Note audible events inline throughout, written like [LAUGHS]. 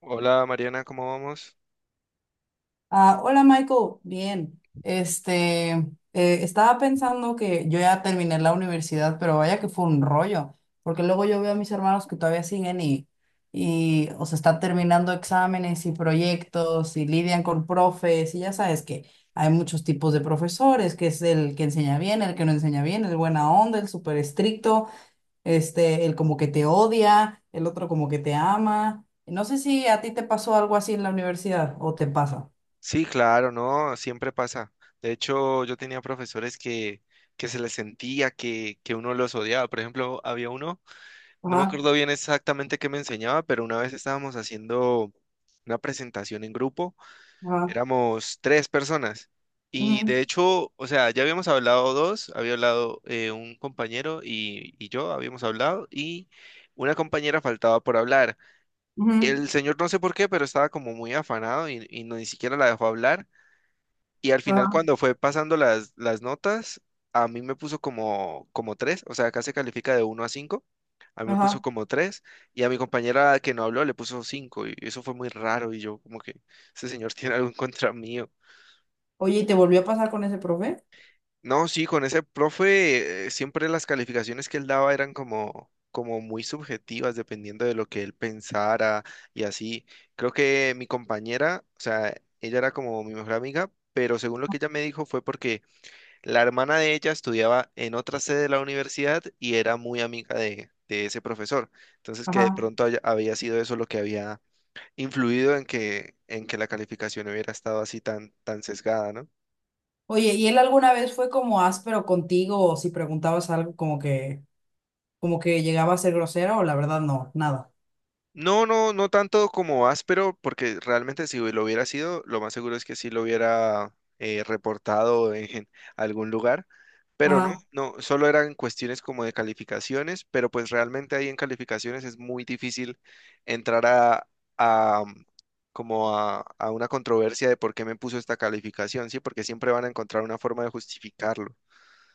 Hola Mariana, ¿cómo vamos? Ah, hola Michael, bien. Este, estaba pensando que yo ya terminé la universidad, pero vaya que fue un rollo, porque luego yo veo a mis hermanos que todavía siguen y o sea, están terminando exámenes y proyectos y lidian con profes y ya sabes que hay muchos tipos de profesores, que es el que enseña bien, el que no enseña bien, el buena onda, el súper estricto, este, el como que te odia, el otro como que te ama. No sé si a ti te pasó algo así en la universidad o te pasa. Sí, claro, no, siempre pasa. De hecho, yo tenía profesores que se les sentía que uno los odiaba. Por ejemplo, había uno, no me Ajá, acuerdo bien exactamente qué me enseñaba, pero una vez estábamos haciendo una presentación en grupo, ajá, éramos tres personas. Y ujú, de hecho, o sea, ya habíamos hablado dos, había hablado un compañero y yo habíamos hablado y una compañera faltaba por hablar. ujú, El señor no sé por qué, pero estaba como muy afanado y no, ni siquiera la dejó hablar. Y al final ajá, cuando fue pasando las notas, a mí me puso como tres, o sea, acá se califica de uno a cinco, a mí me puso ajá. como tres y a mi compañera que no habló le puso cinco y eso fue muy raro y yo como que ese señor [LAUGHS] tiene algo en contra mío. Oye, ¿y te volvió a pasar con ese profe? No, sí, con ese profe, siempre las calificaciones que él daba eran como, como muy subjetivas, dependiendo de lo que él pensara y así. Creo que mi compañera, o sea, ella era como mi mejor amiga, pero según lo que ella me dijo fue porque la hermana de ella estudiaba en otra sede de la universidad y era muy amiga de ese profesor. Entonces, que de Ajá. pronto había sido eso lo que había influido en que la calificación hubiera estado así tan, tan sesgada, ¿no? Oye, ¿y él alguna vez fue como áspero contigo o si preguntabas algo como que llegaba a ser grosero o la verdad no, nada? No, no, no tanto como áspero, porque realmente si lo hubiera sido, lo más seguro es que sí lo hubiera reportado en algún lugar, pero no, Ajá. no, solo eran cuestiones como de calificaciones, pero pues realmente ahí en calificaciones es muy difícil entrar a, a, mm, como a una controversia de por qué me puso esta calificación, ¿sí? Porque siempre van a encontrar una forma de justificarlo.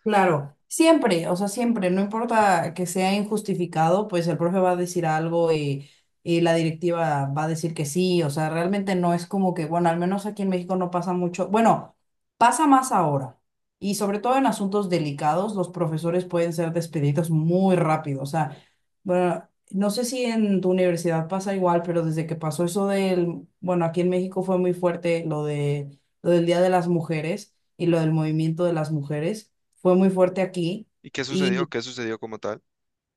Claro, siempre, o sea, siempre, no importa que sea injustificado, pues el profe va a decir algo y la directiva va a decir que sí, o sea, realmente no es como que, bueno, al menos aquí en México no pasa mucho, bueno, pasa más ahora, y sobre todo en asuntos delicados, los profesores pueden ser despedidos muy rápido, o sea, bueno, no sé si en tu universidad pasa igual, pero desde que pasó eso del, bueno, aquí en México fue muy fuerte lo de, lo del Día de las Mujeres y lo del movimiento de las mujeres fue muy fuerte aquí. ¿Y qué sucedió? Y, ¿Qué sucedió como tal?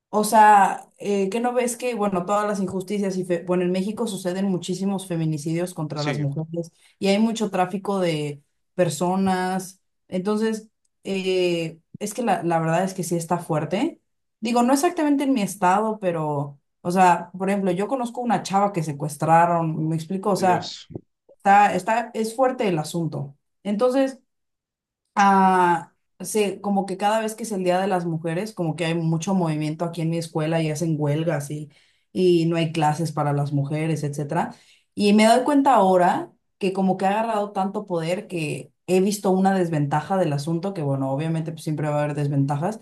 o sea, ¿qué no ves que, bueno, todas las injusticias y, bueno, en México suceden muchísimos feminicidios contra las Sí, mujeres y hay mucho tráfico de personas. Entonces, es que la verdad es que sí está fuerte. Digo, no exactamente en mi estado, pero, o sea, por ejemplo, yo conozco una chava que secuestraron, me explico, o sea, Dios. Es fuerte el asunto. Entonces, Ah, sí, como que cada vez que es el Día de las Mujeres, como que hay mucho movimiento aquí en mi escuela y hacen huelgas y no hay clases para las mujeres, etcétera. Y me doy cuenta ahora que como que ha agarrado tanto poder que he visto una desventaja del asunto, que bueno, obviamente pues, siempre va a haber desventajas,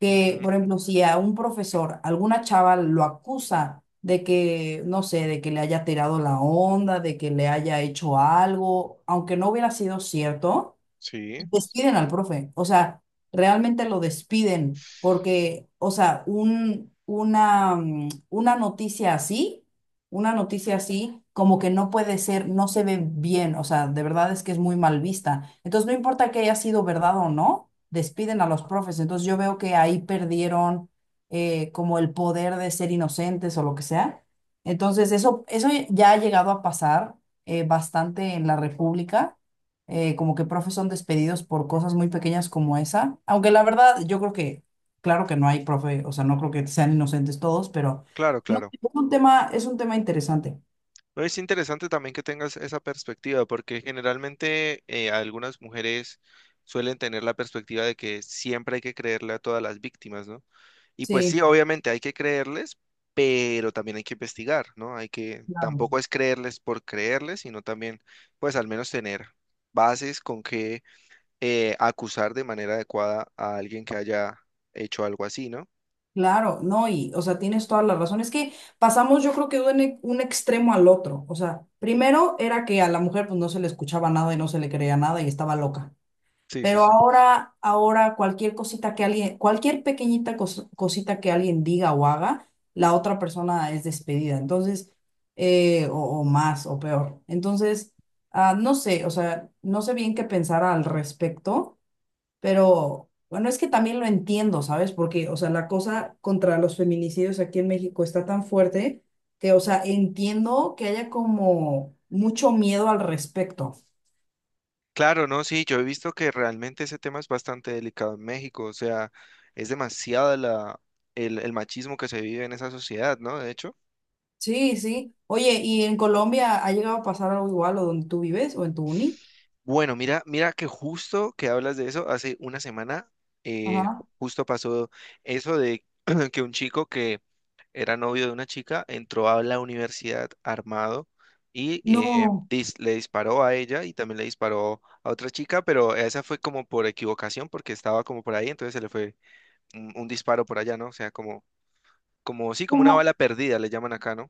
que Ujú. por ejemplo, si a un profesor, alguna chava lo acusa de que, no sé, de que le haya tirado la onda, de que le haya hecho algo, aunque no hubiera sido cierto, Sí, despiden al profe, o sea, realmente lo despiden, porque, o sea, un, una, una noticia así, como que no puede ser, no se ve bien, o sea, de verdad es que es muy mal vista. Entonces, no importa que haya sido verdad o no, despiden a los profes. Entonces, yo veo que ahí perdieron como el poder de ser inocentes o lo que sea. Entonces, eso ya ha llegado a pasar bastante en la República, como que profes son despedidos por cosas muy pequeñas como esa. Aunque la verdad, yo creo que, claro que no hay profe, o sea, no creo que sean inocentes todos, pero claro, no, claro. Es un tema interesante. No, es interesante también que tengas esa perspectiva, porque generalmente algunas mujeres suelen tener la perspectiva de que siempre hay que creerle a todas las víctimas, ¿no? Y pues sí, Sí, obviamente hay que creerles, pero también hay que investigar, ¿no? Hay que, claro. tampoco es creerles por creerles, sino también, pues al menos tener bases con que acusar de manera adecuada a alguien que haya hecho algo así, ¿no? Claro, no, y, o sea, tienes toda la razón. Es que pasamos, yo creo que de un, un extremo al otro. O sea, primero era que a la mujer pues no se le escuchaba nada y no se le creía nada y estaba loca. Sí, sí, Pero sí. ahora cualquier cosita que alguien, cualquier pequeñita cosita que alguien diga o haga, la otra persona es despedida. Entonces, eh, o, o más o peor. Entonces, no sé, o sea, no sé bien qué pensar al respecto, pero bueno, es que también lo entiendo, ¿sabes? Porque, o sea, la cosa contra los feminicidios aquí en México está tan fuerte que, o sea, entiendo que haya como mucho miedo al respecto. Claro, no, sí, yo he visto que realmente ese tema es bastante delicado en México, o sea, es demasiado la, el machismo que se vive en esa sociedad, ¿no? De hecho. Sí, sí. Oye, ¿y en Colombia ha llegado a pasar algo igual o donde tú vives o en tu uni? Bueno, mira, mira que justo que hablas de eso, hace una semana eh, Ajá. justo pasó eso de [CLEARS THROAT] que un chico que era novio de una chica entró a la universidad armado y No, le disparó a ella y también le disparó a otra chica, pero esa fue como por equivocación porque estaba como por ahí, entonces se le fue un disparo por allá, ¿no? O sea, como, como sí, como una ¿cómo, bala perdida, le llaman acá, ¿no?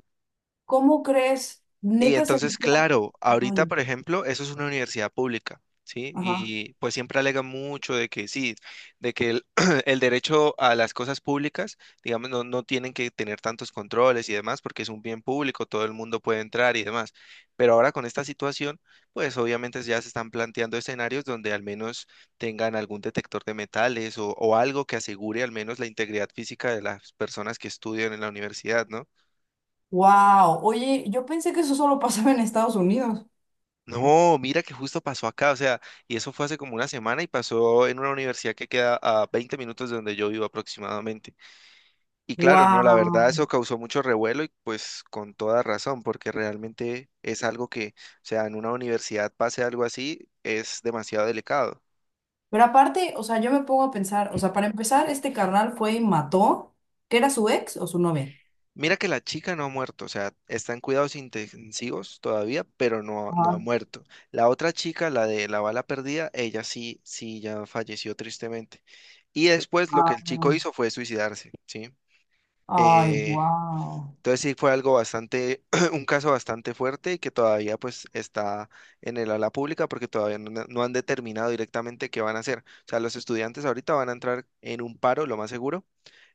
cómo crees? Y Neta me entonces, fue- claro, ahorita, Ay. por ejemplo, eso es una universidad pública, ¿sí? Ajá. Y pues siempre alega mucho de que sí, de que el, [CLEARS THROAT] el derecho a las cosas públicas, digamos, no, no tienen que tener tantos controles y demás, porque es un bien público, todo el mundo puede entrar y demás. Pero ahora con esta situación, pues obviamente ya se están planteando escenarios donde al menos tengan algún detector de metales o algo que asegure al menos la integridad física de las personas que estudian en la universidad, ¿no? Wow. Oye, yo pensé que eso solo [LAUGHS] pasaba en Estados Unidos. No, mira que justo pasó acá, o sea, y eso fue hace como una semana y pasó en una universidad que queda a 20 minutos de donde yo vivo aproximadamente. Y claro, no, la verdad Wow. eso causó mucho revuelo y pues con toda razón, porque realmente es algo que, o sea, en una universidad pase algo así es demasiado delicado. Pero aparte, o sea, yo me pongo a pensar, o sea, para empezar, este carnal fue y mató, que era su ex o su novia. Mira que la chica no ha muerto, o sea, está en cuidados intensivos todavía, pero no, no ha Ajá. muerto. La otra chica, la de la bala perdida, ella sí, sí ya falleció tristemente. Y después lo que Ah. el chico hizo fue suicidarse, ¿sí? Ay, Eh, wow. entonces sí fue algo bastante, [CLEARS THROAT] un caso bastante fuerte y que todavía pues está en el ala pública porque todavía no, no han determinado directamente qué van a hacer. O sea, los estudiantes ahorita van a entrar en un paro, lo más seguro,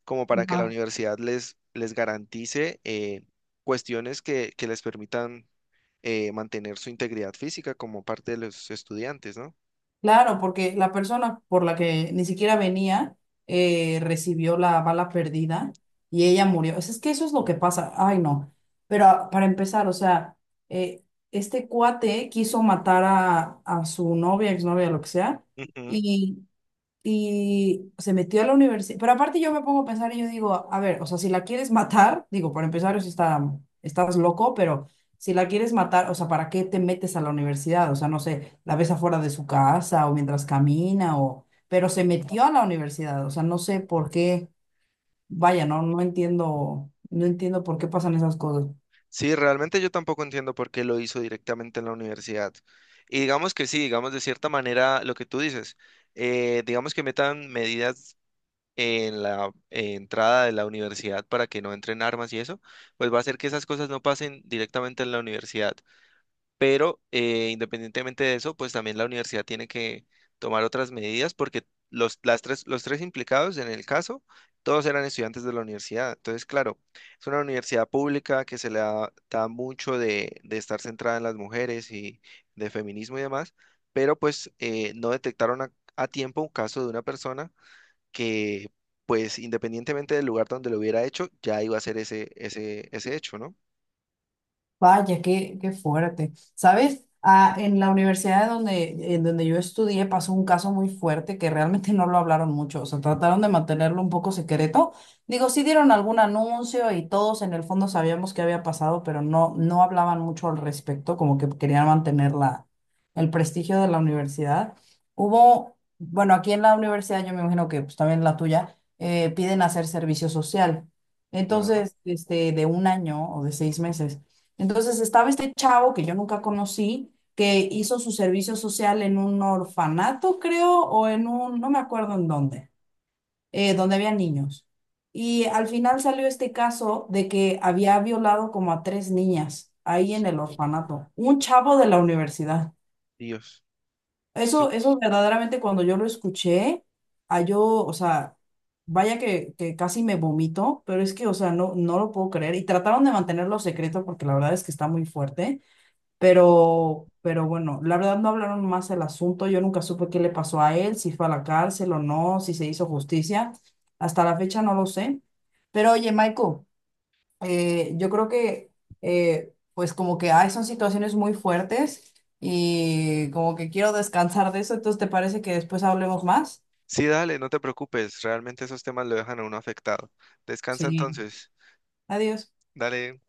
como para que la universidad les, les garantice cuestiones que les permitan mantener su integridad física como parte de los estudiantes, ¿no? Claro, porque la persona por la que ni siquiera venía recibió la bala perdida y ella murió. Es que eso es lo que pasa. Ay, no. Pero para empezar, o sea, eh, este cuate quiso matar a su novia, exnovia, lo que sea, Ujú. y se metió a la universidad. Pero aparte yo me pongo a pensar y yo digo, a ver, o sea, si la quieres matar, digo, por empezar, eso estás loco, pero si la quieres matar, o sea, ¿para qué te metes a la universidad? O sea, no sé, la ves afuera de su casa o mientras camina o. Pero se metió a la universidad, o sea, no sé por qué, vaya, no, no entiendo, por qué pasan esas cosas. Sí, realmente yo tampoco entiendo por qué lo hizo directamente en la universidad. Y digamos que sí, digamos de cierta manera lo que tú dices, digamos que metan medidas en la entrada de la universidad para que no entren armas y eso, pues va a hacer que esas cosas no pasen directamente en la universidad. Pero independientemente de eso, pues también la universidad tiene que tomar otras medidas porque las tres, los tres implicados en el caso, todos eran estudiantes de la universidad. Entonces, claro, es una universidad pública que se le da mucho de estar centrada en las mujeres y de feminismo y demás, pero pues no detectaron a tiempo un caso de una persona que, pues independientemente del lugar donde lo hubiera hecho, ya iba a ser ese, ese, ese hecho, ¿no? Vaya, qué, qué fuerte. ¿Sabes? Ah, en la universidad donde, en donde yo estudié pasó un caso muy fuerte que realmente [LAUGHS] no lo hablaron mucho. O sea, trataron de mantenerlo un poco secreto. Digo, sí dieron algún anuncio y todos en el fondo sabíamos qué había pasado, pero no, no hablaban mucho al respecto, como que querían mantener la, el prestigio de la universidad. Hubo, bueno, aquí en la universidad, yo me imagino que pues, también la tuya, piden hacer servicio social. Ya, Entonces, este, de un año o de seis meses. Entonces estaba este chavo que yo nunca conocí, que hizo su servicio social en un orfanato, creo, o en un, no me acuerdo en dónde, donde había niños. Y al final salió este caso de que había violado como a tres niñas ahí en el orfanato, un chavo de la universidad. Dios. Eso verdaderamente cuando yo lo escuché, a yo, o sea, vaya que casi me vomito, pero es que, o sea, no, no lo puedo creer. Y trataron de mantenerlo secreto porque la verdad es que está muy fuerte. Pero bueno, la verdad no hablaron más del asunto. Yo nunca supe qué le pasó a él, si fue a la cárcel o no, si se hizo justicia. Hasta la fecha no lo sé. Pero oye, Michael, yo creo que, pues como que ay, son situaciones muy fuertes y como que quiero descansar de eso. Entonces, ¿te parece que después hablemos más? Sí, dale, no te preocupes, realmente esos temas lo dejan a uno afectado. Descansa Sí. entonces. Adiós. Dale.